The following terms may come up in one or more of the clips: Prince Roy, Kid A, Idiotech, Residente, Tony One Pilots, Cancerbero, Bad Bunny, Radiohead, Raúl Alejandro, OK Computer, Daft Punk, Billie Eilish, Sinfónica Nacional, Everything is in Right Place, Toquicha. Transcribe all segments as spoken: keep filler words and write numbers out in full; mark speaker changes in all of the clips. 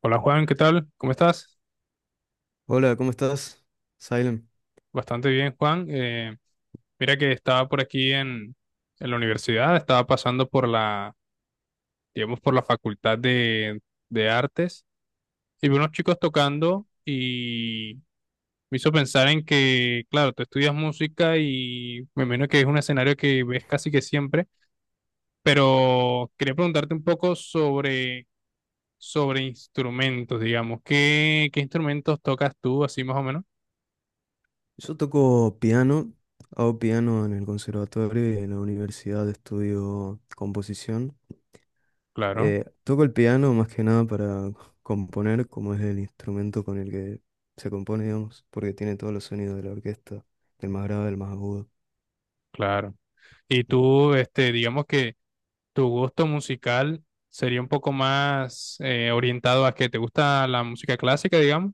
Speaker 1: Hola Juan, ¿qué tal? ¿Cómo estás?
Speaker 2: Hola, ¿cómo estás? Silent.
Speaker 1: Bastante bien, Juan. Eh, mira que estaba por aquí en, en la universidad, estaba pasando por la, digamos, por la facultad de, de artes y vi unos chicos tocando y me hizo pensar en que, claro, tú estudias música y me imagino que es un escenario que ves casi que siempre, pero quería preguntarte un poco sobre, sobre instrumentos, digamos. ¿Qué, qué instrumentos tocas tú, así más o menos?
Speaker 2: Yo toco piano, hago piano en el conservatorio y en la universidad estudio composición.
Speaker 1: Claro,
Speaker 2: Eh, toco el piano más que nada para componer, como es el instrumento con el que se compone, digamos, porque tiene todos los sonidos de la orquesta, del más grave al más agudo.
Speaker 1: claro. Y tú, este, digamos que tu gusto musical sería un poco más eh, orientado a que te gusta la música clásica, digamos.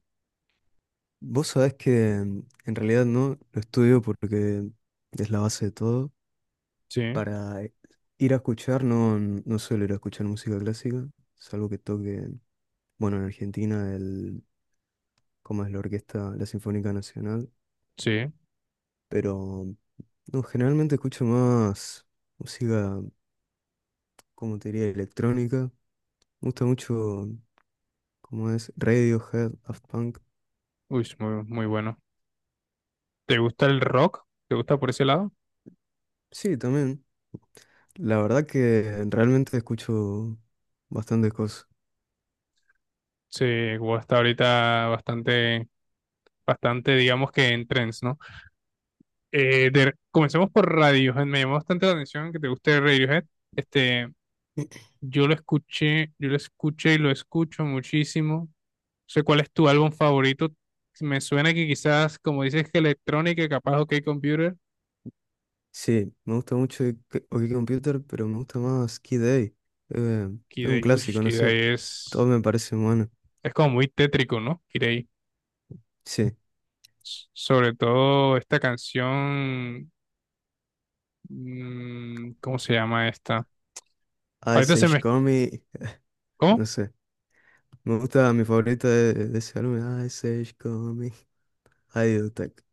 Speaker 2: Vos sabés que mm, en realidad no, lo estudio porque es la base de todo.
Speaker 1: Sí,
Speaker 2: Para ir a escuchar, no, no suelo ir a escuchar música clásica, salvo que toque, bueno, en Argentina, el, ¿cómo es la orquesta, la Sinfónica Nacional?
Speaker 1: sí.
Speaker 2: Pero no, generalmente escucho más música, como te diría, electrónica. Me gusta mucho, como es Radiohead, Daft Punk.
Speaker 1: Uy, es muy, muy bueno. ¿Te gusta el rock? ¿Te gusta por ese lado?
Speaker 2: Sí, también. La verdad que realmente escucho bastantes cosas.
Speaker 1: Sí, guau, está ahorita bastante, bastante, digamos que en trends, ¿no? Eh, de- comencemos por Radiohead. Me llamó bastante la atención que te guste Radiohead. Este, Yo lo escuché, yo lo escuché y lo escucho muchísimo. No sé cuál es tu álbum favorito. Me suena que quizás, como dices, que electrónica, capaz OK Computer.
Speaker 2: Sí, me gusta mucho que- OK Computer, pero me gusta más Kid A. Eh, es un
Speaker 1: Kid uff,
Speaker 2: clásico, no
Speaker 1: Kid A
Speaker 2: sé.
Speaker 1: es,
Speaker 2: Todo me parece bueno.
Speaker 1: es como muy tétrico, ¿no? Kid A.
Speaker 2: Sí,
Speaker 1: S- Sobre todo esta canción. mm, ¿Cómo se llama esta? Ahorita
Speaker 2: Ice
Speaker 1: se
Speaker 2: Age
Speaker 1: me.
Speaker 2: Comic,
Speaker 1: ¿Cómo?
Speaker 2: no sé. Me gusta mi favorita de, de ese álbum, Ice Age Comic, Idiotech.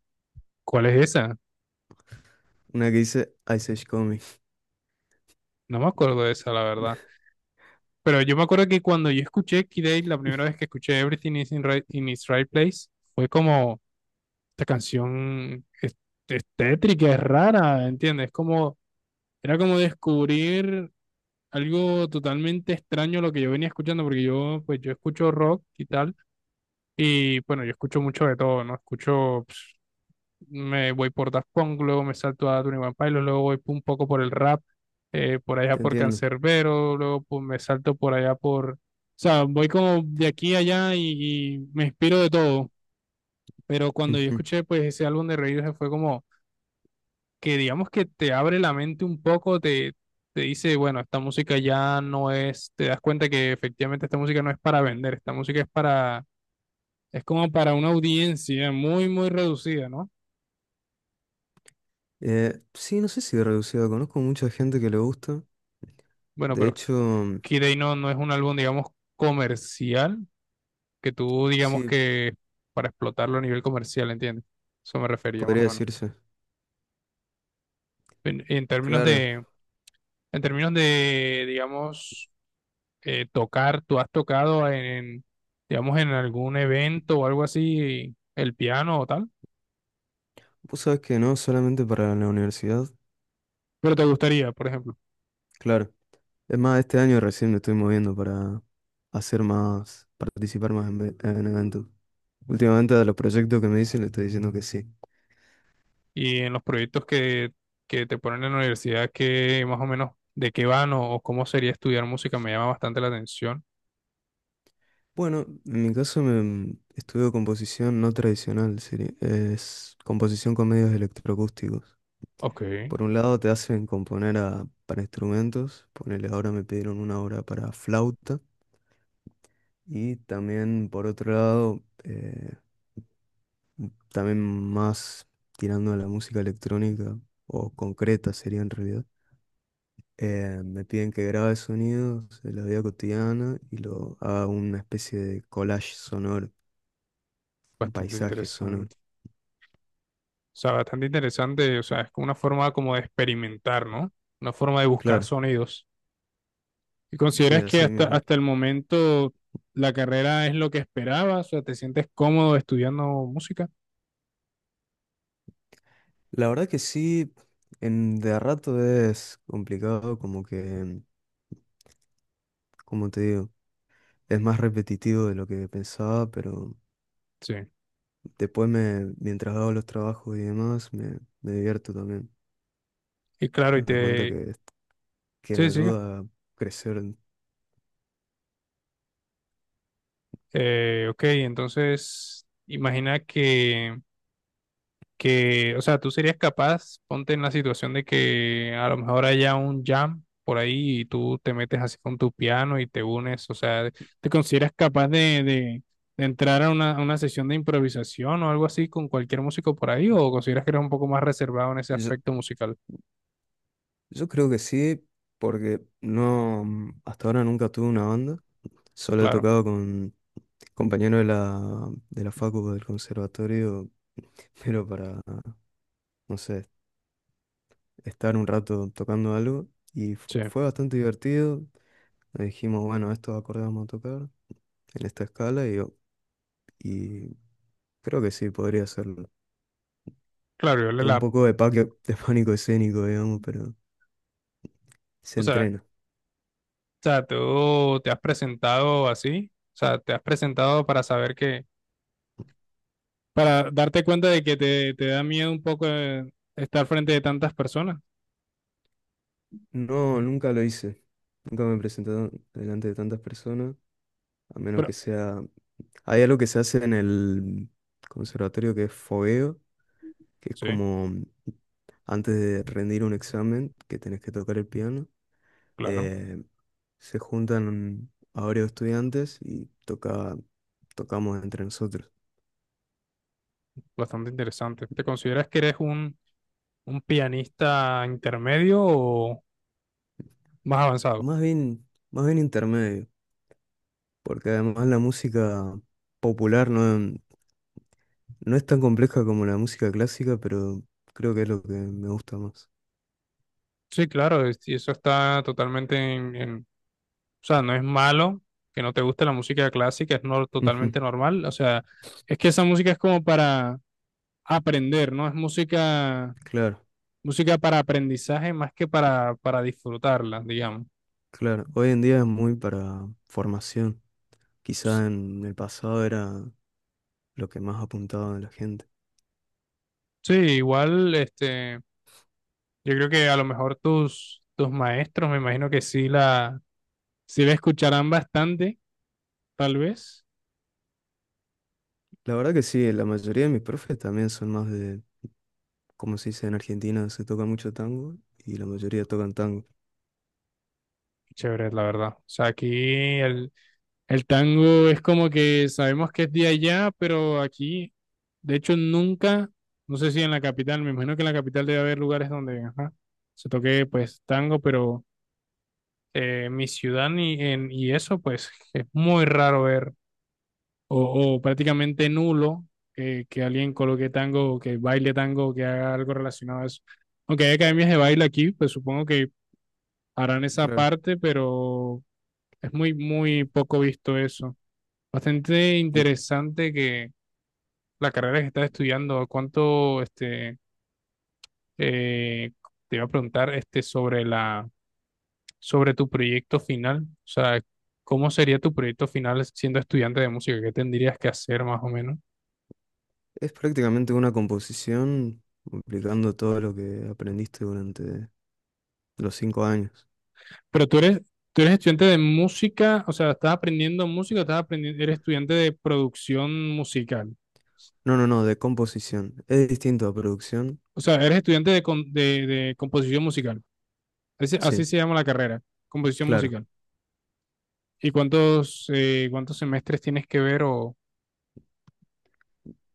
Speaker 1: ¿Cuál es esa?
Speaker 2: Una que dice Ice Age Comic,
Speaker 1: No me acuerdo de esa, la verdad. Pero yo me acuerdo que cuando yo escuché Kid A, la primera vez que escuché Everything is in, Right- in its Right Place, fue como. esta canción es, es tétrica, es rara, ¿entiendes? Como, era como descubrir algo totalmente extraño a lo que yo venía escuchando, porque yo, pues yo escucho rock y tal, y bueno, yo escucho mucho de todo, ¿no? Escucho, pues, me voy por Daft Punk, luego me salto a Tony One Pilots, luego voy un poco por el rap, eh, por allá
Speaker 2: te
Speaker 1: por
Speaker 2: entiendo.
Speaker 1: Cancerbero, luego pues, me salto por allá por, o sea, voy como de aquí a allá y, y me inspiro de todo, pero cuando yo
Speaker 2: Ujú.
Speaker 1: escuché pues ese álbum de Radiohead fue como que digamos que te abre la mente un poco, te, te dice, bueno, esta música ya no es, te das cuenta que efectivamente esta música no es para vender, esta música es para, es como para una audiencia muy, muy reducida, ¿no?
Speaker 2: Eh, sí, no sé si reducido, conozco mucha gente que le gusta.
Speaker 1: Bueno,
Speaker 2: De
Speaker 1: pero
Speaker 2: hecho, mm,
Speaker 1: Kid A no, no es un álbum, digamos, comercial, que tú digamos
Speaker 2: sí,
Speaker 1: que para explotarlo a nivel comercial, ¿entiendes? Eso me refería más o
Speaker 2: podría
Speaker 1: menos.
Speaker 2: decirse.
Speaker 1: En, en términos
Speaker 2: Claro,
Speaker 1: de, en términos de, digamos, eh, tocar, tú has tocado en, en, digamos, en algún evento o algo así, el piano o tal,
Speaker 2: vos sabés que no solamente para la universidad,
Speaker 1: pero te gustaría, por ejemplo,
Speaker 2: claro. Es más, este año recién me estoy moviendo para hacer más, participar más en, ve- en eventos. Últimamente a los proyectos que me dicen le estoy diciendo que sí.
Speaker 1: y en los proyectos que, que te ponen en la universidad, que más o menos de qué van o, o cómo sería estudiar música, me llama bastante la atención.
Speaker 2: Bueno, en mi caso me estudio composición no tradicional, sería- es composición con medios electroacústicos.
Speaker 1: Ok,
Speaker 2: Por un lado te hacen componer a- para instrumentos, ponele ahora me pidieron una obra para flauta y también por otro lado, eh, también más tirando a la música electrónica o concreta sería en realidad. Eh, me piden que grabe sonidos de la vida cotidiana y lo haga una especie de collage sonoro, un
Speaker 1: bastante
Speaker 2: paisaje sonoro.
Speaker 1: interesante. O sea, bastante interesante, o sea, es como una forma como de experimentar, ¿no? Una forma de buscar
Speaker 2: Claro,
Speaker 1: sonidos. ¿Y
Speaker 2: sí,
Speaker 1: consideras que
Speaker 2: así
Speaker 1: hasta,
Speaker 2: mismo.
Speaker 1: hasta el momento la carrera es lo que esperabas? O sea, ¿te sientes cómodo estudiando música?
Speaker 2: La verdad que sí, en, de a rato es complicado, como que, como te digo, es más repetitivo de lo que pensaba, pero
Speaker 1: Sí.
Speaker 2: después me, mientras hago los trabajos y demás, me, me divierto también.
Speaker 1: Y claro, y
Speaker 2: Me doy cuenta
Speaker 1: te...
Speaker 2: que, que me
Speaker 1: Sí, siga.
Speaker 2: ayuda a crecer.
Speaker 1: Eh, ok, entonces imagina que que, o sea, tú serías capaz, ponte en la situación de que a lo mejor haya un jam por ahí y tú te metes así con tu piano y te unes, o sea, ¿te consideras capaz de, de, de entrar a una, a una sesión de improvisación o algo así con cualquier músico por ahí o consideras que eres un poco más reservado en ese
Speaker 2: Yo-
Speaker 1: aspecto musical?
Speaker 2: Yo creo que sí, porque no, mm, hasta ahora nunca tuve una banda. Solo he
Speaker 1: Claro,
Speaker 2: tocado con compañeros de la, de la, facu del conservatorio, pero para, no sé, estar un rato tocando algo. Y f-
Speaker 1: sí,
Speaker 2: fue bastante divertido. Le dijimos, bueno, estos acordes vamos a tocar en esta escala y, yo- y creo que sí, podría hacerlo.
Speaker 1: claro, yo le
Speaker 2: Tengo un
Speaker 1: la,
Speaker 2: poco de, paque- de pánico escénico, digamos, pero se
Speaker 1: o sea, o
Speaker 2: entrena.
Speaker 1: sea, tú te has presentado así, o sea, te has presentado para saber que para darte cuenta de que te, te da miedo un poco eh, estar frente de tantas personas.
Speaker 2: No, nunca lo hice. Nunca me he presentado delante de tantas personas. A menos
Speaker 1: Pero
Speaker 2: que sea... Hay algo que se hace en el conservatorio que es fogueo, que es
Speaker 1: sí,
Speaker 2: como antes de rendir un examen, que tenés que tocar el piano.
Speaker 1: claro,
Speaker 2: eh, se juntan a varios estudiantes y toca, tocamos entre nosotros.
Speaker 1: bastante interesante. ¿Te consideras que eres un, un pianista intermedio o más avanzado?
Speaker 2: Más bien, más bien intermedio, porque además la música popular no, no es tan compleja como la música clásica, pero creo que es lo que me gusta más.
Speaker 1: Sí, claro, es- y eso está totalmente en, en- o sea, no es malo que no te guste la música clásica, es no,
Speaker 2: Ujú,
Speaker 1: totalmente normal. O sea, es que esa música es como para aprender, ¿no? Es música,
Speaker 2: claro,
Speaker 1: música para aprendizaje más que para, para disfrutarla, digamos.
Speaker 2: claro. Hoy en día es muy para formación. Quizá en el pasado era lo que más apuntaba a la gente.
Speaker 1: Sí, igual, este, yo creo que a lo mejor tus, tus maestros, me imagino que sí la, sí la escucharán bastante, tal vez.
Speaker 2: La verdad que sí, la mayoría de mis profes también son más de, como se dice en Argentina, se toca mucho tango y la mayoría tocan tango.
Speaker 1: Chévere, la verdad. O sea, aquí el, el tango es como que sabemos que es de allá, pero aquí, de hecho, nunca, no sé si en la capital, me imagino que en la capital debe haber lugares donde ajá, se toque pues tango, pero eh, mi ciudad y, en, y eso, pues es muy raro ver o, o prácticamente nulo que, que alguien coloque tango o que baile tango o que haga algo relacionado a eso. Aunque hay academias de baile aquí, pues supongo que harán esa
Speaker 2: Claro.
Speaker 1: parte, pero es muy, muy poco visto eso. Bastante
Speaker 2: Y
Speaker 1: interesante que la carrera que estás estudiando, ¿cuánto este, eh, te iba a preguntar este, sobre la, sobre tu proyecto final? O sea, ¿cómo sería tu proyecto final siendo estudiante de música? ¿Qué tendrías que hacer más o menos?
Speaker 2: es prácticamente una composición aplicando todo lo que aprendiste durante los cinco años.
Speaker 1: Pero tú eres, tú eres estudiante de música, o sea, estás aprendiendo música, estás aprendiendo, eres estudiante de producción musical.
Speaker 2: No, no, no, de composición. Es distinto a producción.
Speaker 1: O sea, eres estudiante de, con- de, de composición musical. Así, así
Speaker 2: Sí,
Speaker 1: se llama la carrera, composición
Speaker 2: claro.
Speaker 1: musical. ¿Y cuántos, eh, cuántos semestres tienes que ver? O,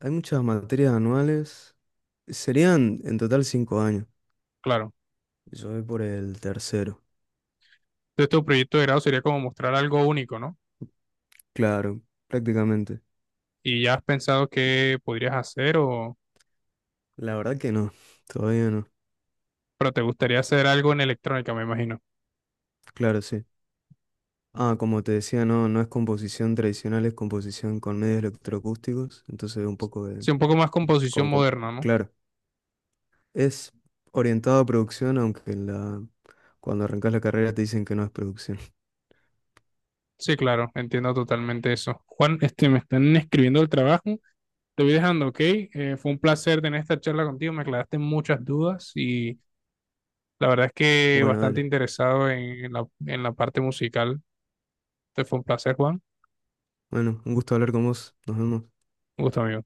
Speaker 2: Hay muchas materias anuales. Serían en total cinco años.
Speaker 1: claro,
Speaker 2: Yo voy por el tercero.
Speaker 1: entonces tu proyecto de grado sería como mostrar algo único, ¿no?
Speaker 2: Claro, prácticamente.
Speaker 1: Y ya has pensado qué podrías hacer o,
Speaker 2: La verdad que no, todavía no.
Speaker 1: pero te gustaría hacer algo en electrónica, me imagino.
Speaker 2: Claro, sí. Ah, como te decía, no, no es composición tradicional, es composición con medios electroacústicos, entonces un poco de...
Speaker 1: Sí, un poco más composición
Speaker 2: Con, con-
Speaker 1: moderna, ¿no?
Speaker 2: claro, es orientado a producción, aunque en la, cuando arrancas la carrera te dicen que no es producción.
Speaker 1: Sí, claro, entiendo totalmente eso. Juan, este, me están escribiendo el trabajo. Te voy dejando, ¿ok? Eh, fue un placer tener esta charla contigo. Me aclaraste muchas dudas y la verdad es que
Speaker 2: Bueno,
Speaker 1: bastante
Speaker 2: dale.
Speaker 1: interesado en, en la, en la parte musical. Te fue un placer, Juan.
Speaker 2: Bueno, un gusto hablar con vos. Nos vemos.
Speaker 1: Un gusto, amigo.